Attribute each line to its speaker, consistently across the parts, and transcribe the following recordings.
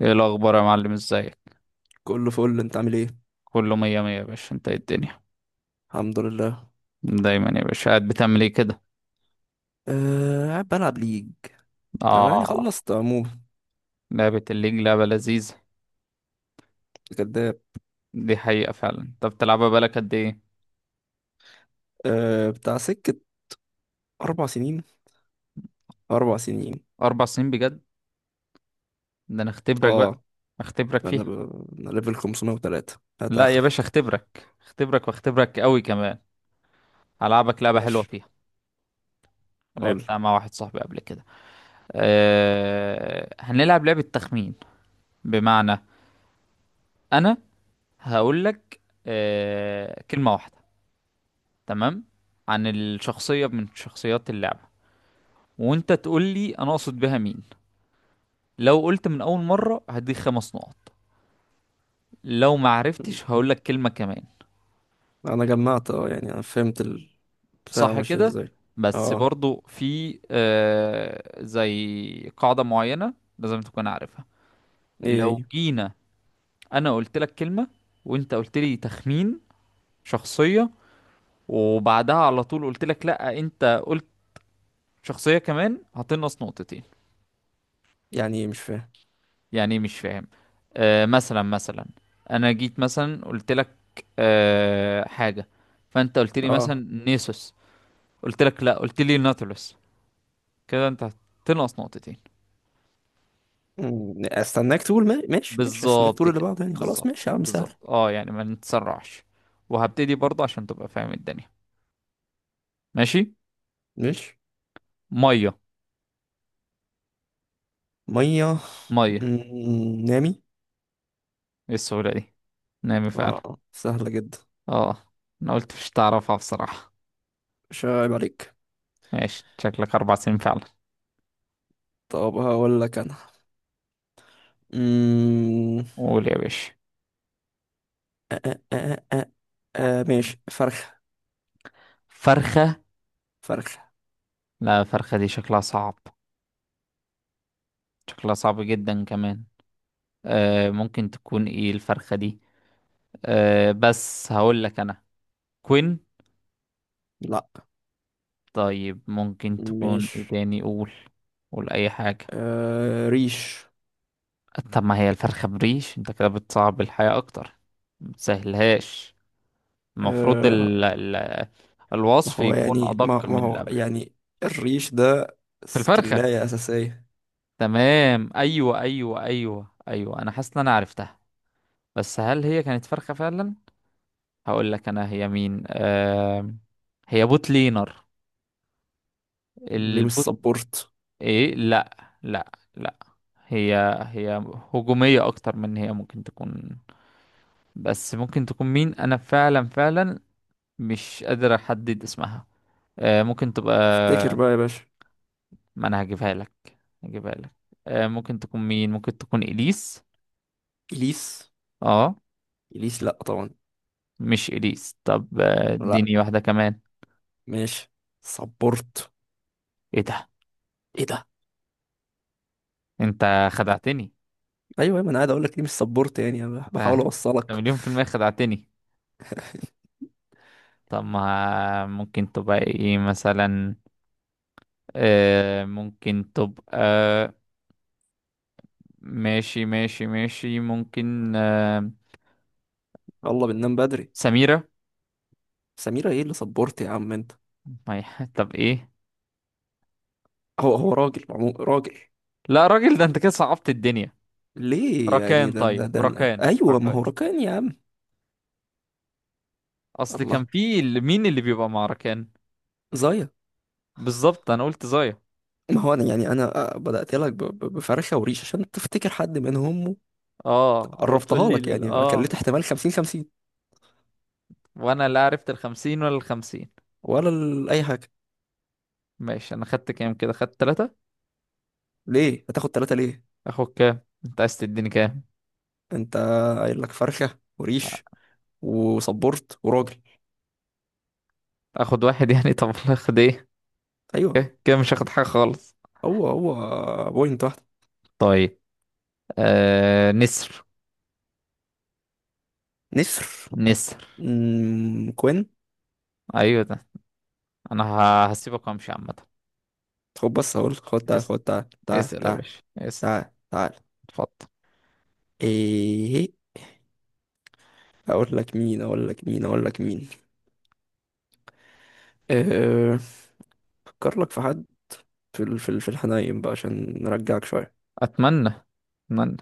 Speaker 1: ايه الاخبار يا معلم؟ ازيك؟
Speaker 2: كله فل. انت عامل ايه؟
Speaker 1: كله مية مية يا باشا. انت ايه الدنيا
Speaker 2: الحمد لله.
Speaker 1: دايما يا باشا؟ قاعد بتعمل ايه كده؟
Speaker 2: أه قاعد بلعب ليج، او يعني
Speaker 1: اه.
Speaker 2: خلصت عموما.
Speaker 1: لعبة الليج لعبة لذيذة.
Speaker 2: كداب.
Speaker 1: دي حقيقة فعلا. انت بتلعبها بقالك قد ايه؟
Speaker 2: أه بتاع سكة 4 سنين. 4 سنين.
Speaker 1: 4 سنين بجد؟ ده انا اختبرك بقى.
Speaker 2: اه
Speaker 1: اختبرك
Speaker 2: انا
Speaker 1: فيها.
Speaker 2: انا ليفل 503.
Speaker 1: لا يا باشا،
Speaker 2: هتاخرك؟
Speaker 1: اختبرك اختبرك واختبرك قوي كمان. هلعبك لعبة حلوة
Speaker 2: ماشي،
Speaker 1: فيها.
Speaker 2: قول.
Speaker 1: لعبتها مع واحد صاحبي قبل كده. هنلعب لعبة تخمين. بمعنى انا هقول لك كلمة واحدة. تمام. عن الشخصية من شخصيات اللعبة، وانت تقول لي انا اقصد بها مين. لو قلت من اول مرة هديك 5 نقط. لو ما عرفتش هقول لك كلمة كمان.
Speaker 2: انا جمعت، اه يعني انا فهمت البتاع.
Speaker 1: صح
Speaker 2: ماشية
Speaker 1: كده.
Speaker 2: ازاي؟
Speaker 1: بس
Speaker 2: اه،
Speaker 1: برضو في زي قاعدة معينة لازم تكون عارفها.
Speaker 2: ايه
Speaker 1: لو
Speaker 2: هي؟
Speaker 1: جينا انا قلت لك كلمة، وانت قلت لي تخمين شخصية، وبعدها على طول قلت لك لا انت قلت شخصية كمان، هتنقص نقطتين.
Speaker 2: يعني ايه مش فاهم؟
Speaker 1: يعني إيه مش فاهم؟ مثلا مثلا، انا جيت مثلا قلت لك حاجه، فانت قلت لي
Speaker 2: اه.
Speaker 1: مثلا نيسوس، قلت لك لا قلت لي ناتولوس، كده انت هتنقص نقطتين.
Speaker 2: استناك تقول ماشي، استناك
Speaker 1: بالظبط
Speaker 2: تقول اللي
Speaker 1: كده،
Speaker 2: بعده، يعني خلاص
Speaker 1: بالظبط
Speaker 2: ماشي يا عم، سهل.
Speaker 1: بالظبط. اه يعني ما نتسرعش. وهبتدي برضه عشان تبقى فاهم الدنيا. ماشي.
Speaker 2: ماشي.
Speaker 1: ميه.
Speaker 2: مية.
Speaker 1: ميه.
Speaker 2: نامي.
Speaker 1: ايه السهوله دي؟ نامي فعلا.
Speaker 2: اه سهلة جدا.
Speaker 1: اه. انا قلت مش تعرفها بصراحه.
Speaker 2: مش عيب عليك.
Speaker 1: ماشي، شكلك 4 سنين فعلا.
Speaker 2: طب هقول لك انا. مم...
Speaker 1: قول يا باشا.
Speaker 2: آه. آه، ماشي، فرخة.
Speaker 1: فرخه؟
Speaker 2: فرخة.
Speaker 1: لا الفرخة دي شكلها صعب. شكلها صعب جدا كمان. ممكن تكون ايه الفرخة دي؟ بس هقول لك انا، كوين.
Speaker 2: لا.
Speaker 1: طيب ممكن تكون
Speaker 2: مش.
Speaker 1: ايه تاني؟ قول. قول اي حاجة.
Speaker 2: آه، ريش.
Speaker 1: طب ما هي الفرخة بريش، انت كده بتصعب الحياة اكتر. متسهلهاش. المفروض
Speaker 2: آه.
Speaker 1: ال
Speaker 2: ما
Speaker 1: الوصف
Speaker 2: هو
Speaker 1: يكون
Speaker 2: يعني، ما,
Speaker 1: ادق
Speaker 2: ما
Speaker 1: من اللي
Speaker 2: هو
Speaker 1: قبله.
Speaker 2: يعني الريش ده
Speaker 1: في الفرخة.
Speaker 2: سكلاية أساسية.
Speaker 1: تمام. ايوه ايوه ايوه ايوه، انا حاسس ان انا عرفتها. بس هل هي كانت فرخة فعلا؟ هقول لك انا هي مين. هي بوت لينر.
Speaker 2: ليه مش
Speaker 1: البوت.
Speaker 2: سبورت؟
Speaker 1: ايه؟ لا لا لا. هي هي هجومية اكتر من هي ممكن تكون. بس ممكن تكون مين؟ انا فعلا فعلا مش قادر احدد اسمها. ممكن تبقى.
Speaker 2: افتكر بقى يا باشا.
Speaker 1: ما انا هجيبها لك. هجيبها لك. ممكن تكون مين؟ ممكن تكون اليس؟
Speaker 2: إليس.
Speaker 1: اه.
Speaker 2: إليس؟ لا طبعا.
Speaker 1: مش اليس. طب،
Speaker 2: لا،
Speaker 1: اديني واحدة كمان.
Speaker 2: ماشي. سبورت.
Speaker 1: ايه ده؟
Speaker 2: ايه ده!
Speaker 1: انت خدعتني.
Speaker 2: ايوه، ما انا قاعد اقول لك ليه مش سبورت، يعني أنا
Speaker 1: انت
Speaker 2: بحاول
Speaker 1: أنت
Speaker 2: اوصلك.
Speaker 1: مليون في المية خدعتني. طب ما ممكن تبقى ايه مثلا؟ ممكن تبقى. ماشي ماشي ماشي. ممكن
Speaker 2: يلا بننام بدري.
Speaker 1: سميرة.
Speaker 2: سميرة؟ ايه اللي صبرت يا عم انت!
Speaker 1: ما هي- طب ايه؟
Speaker 2: هو راجل، عمو راجل.
Speaker 1: لا راجل، ده انت كده صعبت الدنيا.
Speaker 2: ليه يعني؟
Speaker 1: ركان؟
Speaker 2: ده ده
Speaker 1: طيب
Speaker 2: ده أنا.
Speaker 1: ركان.
Speaker 2: ايوه، ما
Speaker 1: ركان.
Speaker 2: هو ركان يا عم.
Speaker 1: اصل كان
Speaker 2: الله.
Speaker 1: في مين اللي بيبقى مع ركان؟
Speaker 2: زايا.
Speaker 1: بالظبط، انا قلت زايا.
Speaker 2: ما هو انا، يعني انا آه، بدأت لك بفرخة وريش عشان تفتكر حد منهم.
Speaker 1: اه. وتقول
Speaker 2: قربتها
Speaker 1: لي
Speaker 2: لك، يعني كلت احتمال 50 50.
Speaker 1: وانا لا عرفت الخمسين ولا الخمسين.
Speaker 2: ولا اي حاجة.
Speaker 1: ماشي. انا خدت كام كده؟ خدت تلاتة؟
Speaker 2: ليه هتاخد 3 ليه؟
Speaker 1: اخد كام؟ انت عايز تديني كام؟
Speaker 2: انت قايل لك فرخة وريش، وصبرت، وراجل.
Speaker 1: اخد واحد. يعني طب والله اخد ايه؟
Speaker 2: ايوه.
Speaker 1: كده مش هاخد حاجة خالص.
Speaker 2: هو بوينت واحدة.
Speaker 1: طيب. نسر.
Speaker 2: نسر.
Speaker 1: نسر.
Speaker 2: كوين.
Speaker 1: ايوه ده. انا هسيبك وامشي عامة.
Speaker 2: خد بص، هقول، خد تعال،
Speaker 1: اس...
Speaker 2: خد تعال تعال
Speaker 1: اسأل يا
Speaker 2: تعال
Speaker 1: باشا. اسأل.
Speaker 2: تعال تعال
Speaker 1: اتفضل.
Speaker 2: ايه؟ اقول لك مين اقول لك مين اقول لك مين أه، افكر لك في حد في الحنايم بقى عشان نرجعك شويه.
Speaker 1: اتمنى. اتمنى.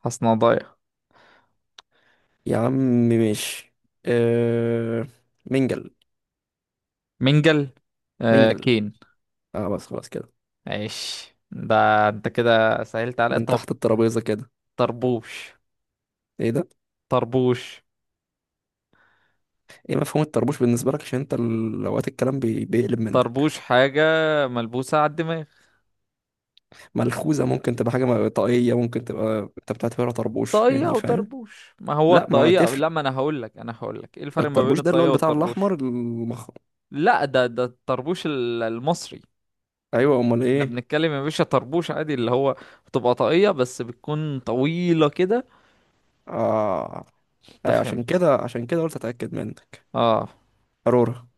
Speaker 1: حسنا ضايع.
Speaker 2: يا عم ماشي. أه، منجل.
Speaker 1: منجل.
Speaker 2: منجل.
Speaker 1: كين.
Speaker 2: اه بس خلاص كده.
Speaker 1: عيش ده. انت كده سهلت عليا.
Speaker 2: من
Speaker 1: طب
Speaker 2: تحت الترابيزه كده.
Speaker 1: طربوش.
Speaker 2: ايه ده؟
Speaker 1: طربوش.
Speaker 2: ايه مفهوم الطربوش بالنسبه لك، عشان انت اوقات الكلام بيقلب منك.
Speaker 1: طربوش حاجة ملبوسة على الدماغ.
Speaker 2: ملخوذه، ممكن تبقى حاجه، طاقيه ممكن تبقى، انت بتعتبرها طربوش،
Speaker 1: طاقية
Speaker 2: يعني فاهم.
Speaker 1: وطربوش؟ ما هو
Speaker 2: لا ما
Speaker 1: الطاقية
Speaker 2: تفرق.
Speaker 1: لا، ما انا هقول لك ايه الفرق ما بين
Speaker 2: الطربوش ده اللي
Speaker 1: الطاقية
Speaker 2: هو بتاع
Speaker 1: والطربوش.
Speaker 2: الاحمر
Speaker 1: لا ده الطربوش المصري.
Speaker 2: ايوه، امال
Speaker 1: احنا
Speaker 2: ايه؟
Speaker 1: بنتكلم يا باشا طربوش عادي اللي هو بتبقى طاقية بس بتكون طويلة كده.
Speaker 2: اه.
Speaker 1: انت
Speaker 2: أيوة، عشان
Speaker 1: فهمت؟
Speaker 2: كده، عشان كده قلت اتاكد منك.
Speaker 1: اه.
Speaker 2: قارورة.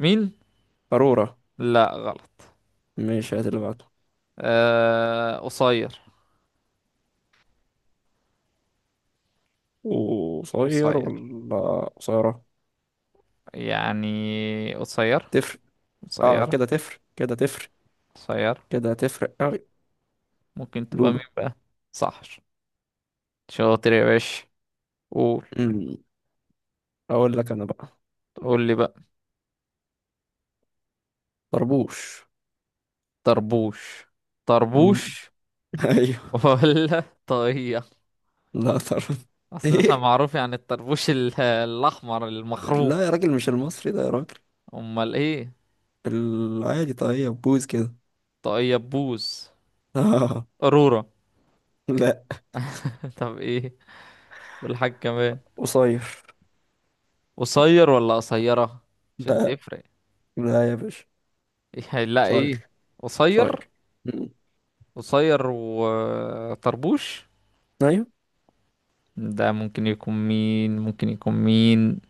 Speaker 1: مين؟
Speaker 2: قارورة.
Speaker 1: لا غلط.
Speaker 2: مش، هات اللي بعده.
Speaker 1: قصير.
Speaker 2: وقصير
Speaker 1: قصير.
Speaker 2: ولا قصيرة؟
Speaker 1: يعني قصير.
Speaker 2: تفرق؟ اه
Speaker 1: قصير.
Speaker 2: كده تفرق، كده تفرق،
Speaker 1: قصير.
Speaker 2: كده تفرق اوي.
Speaker 1: ممكن تبقى مين
Speaker 2: لولو.
Speaker 1: بقى؟ صح. شاطر يا باشا. قول.
Speaker 2: أمم، اقول لك انا بقى.
Speaker 1: قول لي بقى.
Speaker 2: طربوش.
Speaker 1: طربوش.
Speaker 2: أمم،
Speaker 1: طربوش.
Speaker 2: ايوه.
Speaker 1: ولا طاقية؟
Speaker 2: لا، طرب.
Speaker 1: اصل احنا
Speaker 2: ايه،
Speaker 1: معروف يعني الطربوش الاحمر المخروم.
Speaker 2: لا يا راجل مش المصري ده يا راجل.
Speaker 1: امال ايه؟
Speaker 2: العادي. طيب بوز كده.
Speaker 1: طاقية بوز.
Speaker 2: آه.
Speaker 1: قرورة.
Speaker 2: لا،
Speaker 1: طب ايه؟ والحاج كمان؟
Speaker 2: قصير.
Speaker 1: قصير ولا قصيرة؟ عشان
Speaker 2: لا
Speaker 1: تفرق.
Speaker 2: لا يا باشا.
Speaker 1: إيه لا ايه؟
Speaker 2: صاير.
Speaker 1: قصير.
Speaker 2: صاير. مم.
Speaker 1: قصير وطربوش.
Speaker 2: ايوه
Speaker 1: ده ممكن يكون مين؟ ممكن يكون مين؟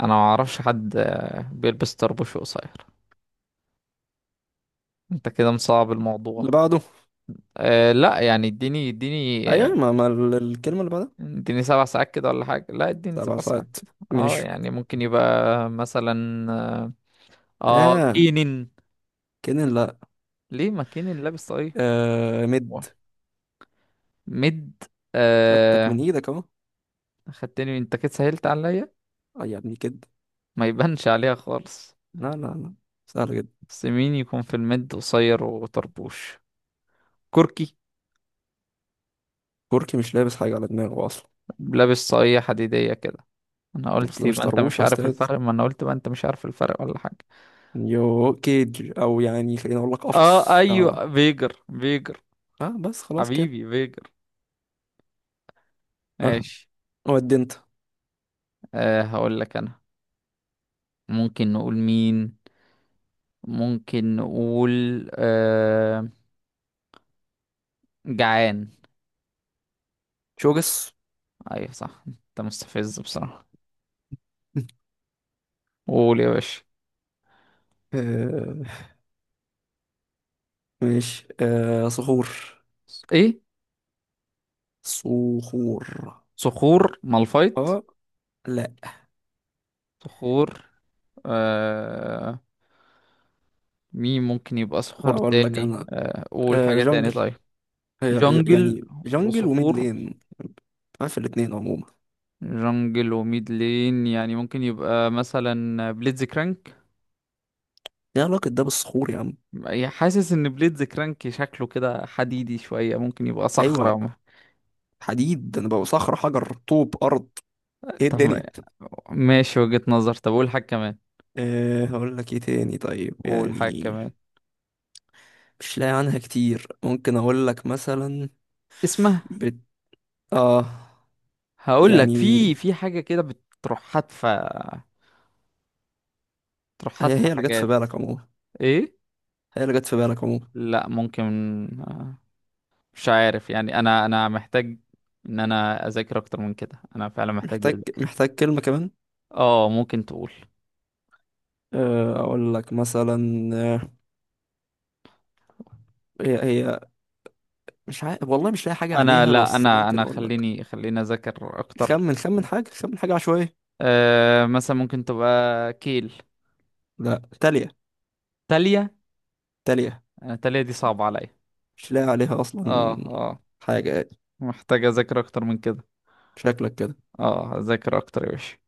Speaker 1: انا ما اعرفش حد بيلبس طربوش وقصير. انت كده مصعب
Speaker 2: اللي
Speaker 1: الموضوع.
Speaker 2: بعده.
Speaker 1: لا يعني اديني. اديني.
Speaker 2: ايوه، ما, ما ال- الكلمه اللي بعدها.
Speaker 1: اديني 7 ساعات كده ولا حاجة. لا اديني
Speaker 2: سبع
Speaker 1: 7 ساعات
Speaker 2: ساعات
Speaker 1: كده. اه
Speaker 2: ماشي.
Speaker 1: يعني ممكن يبقى مثلا. اه.
Speaker 2: ها؟
Speaker 1: كينن.
Speaker 2: كده لا.
Speaker 1: ليه ما كينن لابس طاقية؟
Speaker 2: آه، مد.
Speaker 1: ميد.
Speaker 2: جبتك
Speaker 1: آه.
Speaker 2: من ايدك اهو.
Speaker 1: خدتني. انت كده سهلت عليا.
Speaker 2: آه يا ابني كده.
Speaker 1: ما يبانش عليها خالص.
Speaker 2: لا لا لا، سهل جدا.
Speaker 1: بس مين يكون في الميد قصير وطربوش؟ كركي؟
Speaker 2: كوركي مش لابس حاجه على دماغه اصلا.
Speaker 1: لابس صاية حديدية كده. انا
Speaker 2: بس
Speaker 1: قلت
Speaker 2: ده مش
Speaker 1: يبقى انت
Speaker 2: طربوش
Speaker 1: مش
Speaker 2: يا
Speaker 1: عارف
Speaker 2: استاذ.
Speaker 1: الفرق. ما انا قلت بقى انت مش عارف الفرق ولا حاجة.
Speaker 2: يو كيج، او يعني خليني اقول لك
Speaker 1: اه.
Speaker 2: قفص. اه.
Speaker 1: ايوه فيجر. فيجر.
Speaker 2: اه بس خلاص كده.
Speaker 1: حبيبي فيجر.
Speaker 2: اه.
Speaker 1: ماشي.
Speaker 2: ودي انت.
Speaker 1: هقول لك انا. ممكن نقول مين؟ ممكن نقول جعان.
Speaker 2: شوجس.
Speaker 1: ايوه صح. انت مستفز بصراحة. قول يا باشا.
Speaker 2: آه، ماشي. آه، صخور.
Speaker 1: ايه؟
Speaker 2: صخور.
Speaker 1: صخور مالفايت.
Speaker 2: اه. لا.
Speaker 1: صخور. آه مين ممكن يبقى صخور
Speaker 2: هقول لك
Speaker 1: تاني؟
Speaker 2: انا.
Speaker 1: قول
Speaker 2: آه،
Speaker 1: حاجة تاني.
Speaker 2: جونجل.
Speaker 1: طيب. جنجل
Speaker 2: يعني جونجل وميد
Speaker 1: وصخور.
Speaker 2: لين. عارف الاتنين عموما.
Speaker 1: جنجل وميد لين، يعني ممكن يبقى مثلا بليدز كرانك.
Speaker 2: ايه علاقة ده بالصخور يا عم؟
Speaker 1: يعني حاسس ان بليدز كرانك شكله كده حديدي شوية، ممكن يبقى
Speaker 2: ايوه،
Speaker 1: صخرة.
Speaker 2: حديد انا، بقى صخر، حجر، طوب، ارض. ايه
Speaker 1: طب
Speaker 2: الدنيا!
Speaker 1: ماشي، وجهة نظر. طب قول حاجة كمان.
Speaker 2: أه هقول لك ايه تاني طيب
Speaker 1: قول حاجة
Speaker 2: يعني.
Speaker 1: كمان.
Speaker 2: مش لاقي عنها كتير، ممكن اقول لك مثلا.
Speaker 1: اسمها.
Speaker 2: بت... اه
Speaker 1: هقول لك
Speaker 2: يعني.
Speaker 1: في حاجة كده بتروح حادفة. تروح
Speaker 2: هي
Speaker 1: حادفة
Speaker 2: هي اللي جت في
Speaker 1: حاجات.
Speaker 2: بالك عموما.
Speaker 1: ايه؟
Speaker 2: هي اللي جت في بالك عموما.
Speaker 1: لا ممكن. آه، مش عارف يعني انا محتاج ان انا اذاكر اكتر من كده. انا فعلا محتاج
Speaker 2: محتاج
Speaker 1: اذاكر.
Speaker 2: محتاج كلمة كمان.
Speaker 1: اه ممكن تقول.
Speaker 2: آه، اقول لك مثلا آه، هي. مش عارف والله، مش لاقي حاجة
Speaker 1: انا
Speaker 2: عليها،
Speaker 1: لا،
Speaker 2: بس
Speaker 1: انا
Speaker 2: ممكن
Speaker 1: انا
Speaker 2: أقول لك.
Speaker 1: خليني خليني اذاكر اكتر.
Speaker 2: خمن، خمن حاجة، خمن حاجة عشوائية.
Speaker 1: مثلا ممكن تبقى كيل.
Speaker 2: لا، تالية.
Speaker 1: تالية.
Speaker 2: تالية.
Speaker 1: أنا تالية دي صعبة عليا.
Speaker 2: مش لاقي عليها
Speaker 1: اه
Speaker 2: أصلا
Speaker 1: اه
Speaker 2: حاجة يعني.
Speaker 1: محتاج اذاكر اكتر من كده.
Speaker 2: شكلك كده.
Speaker 1: اه اذاكر اكتر يا باشا.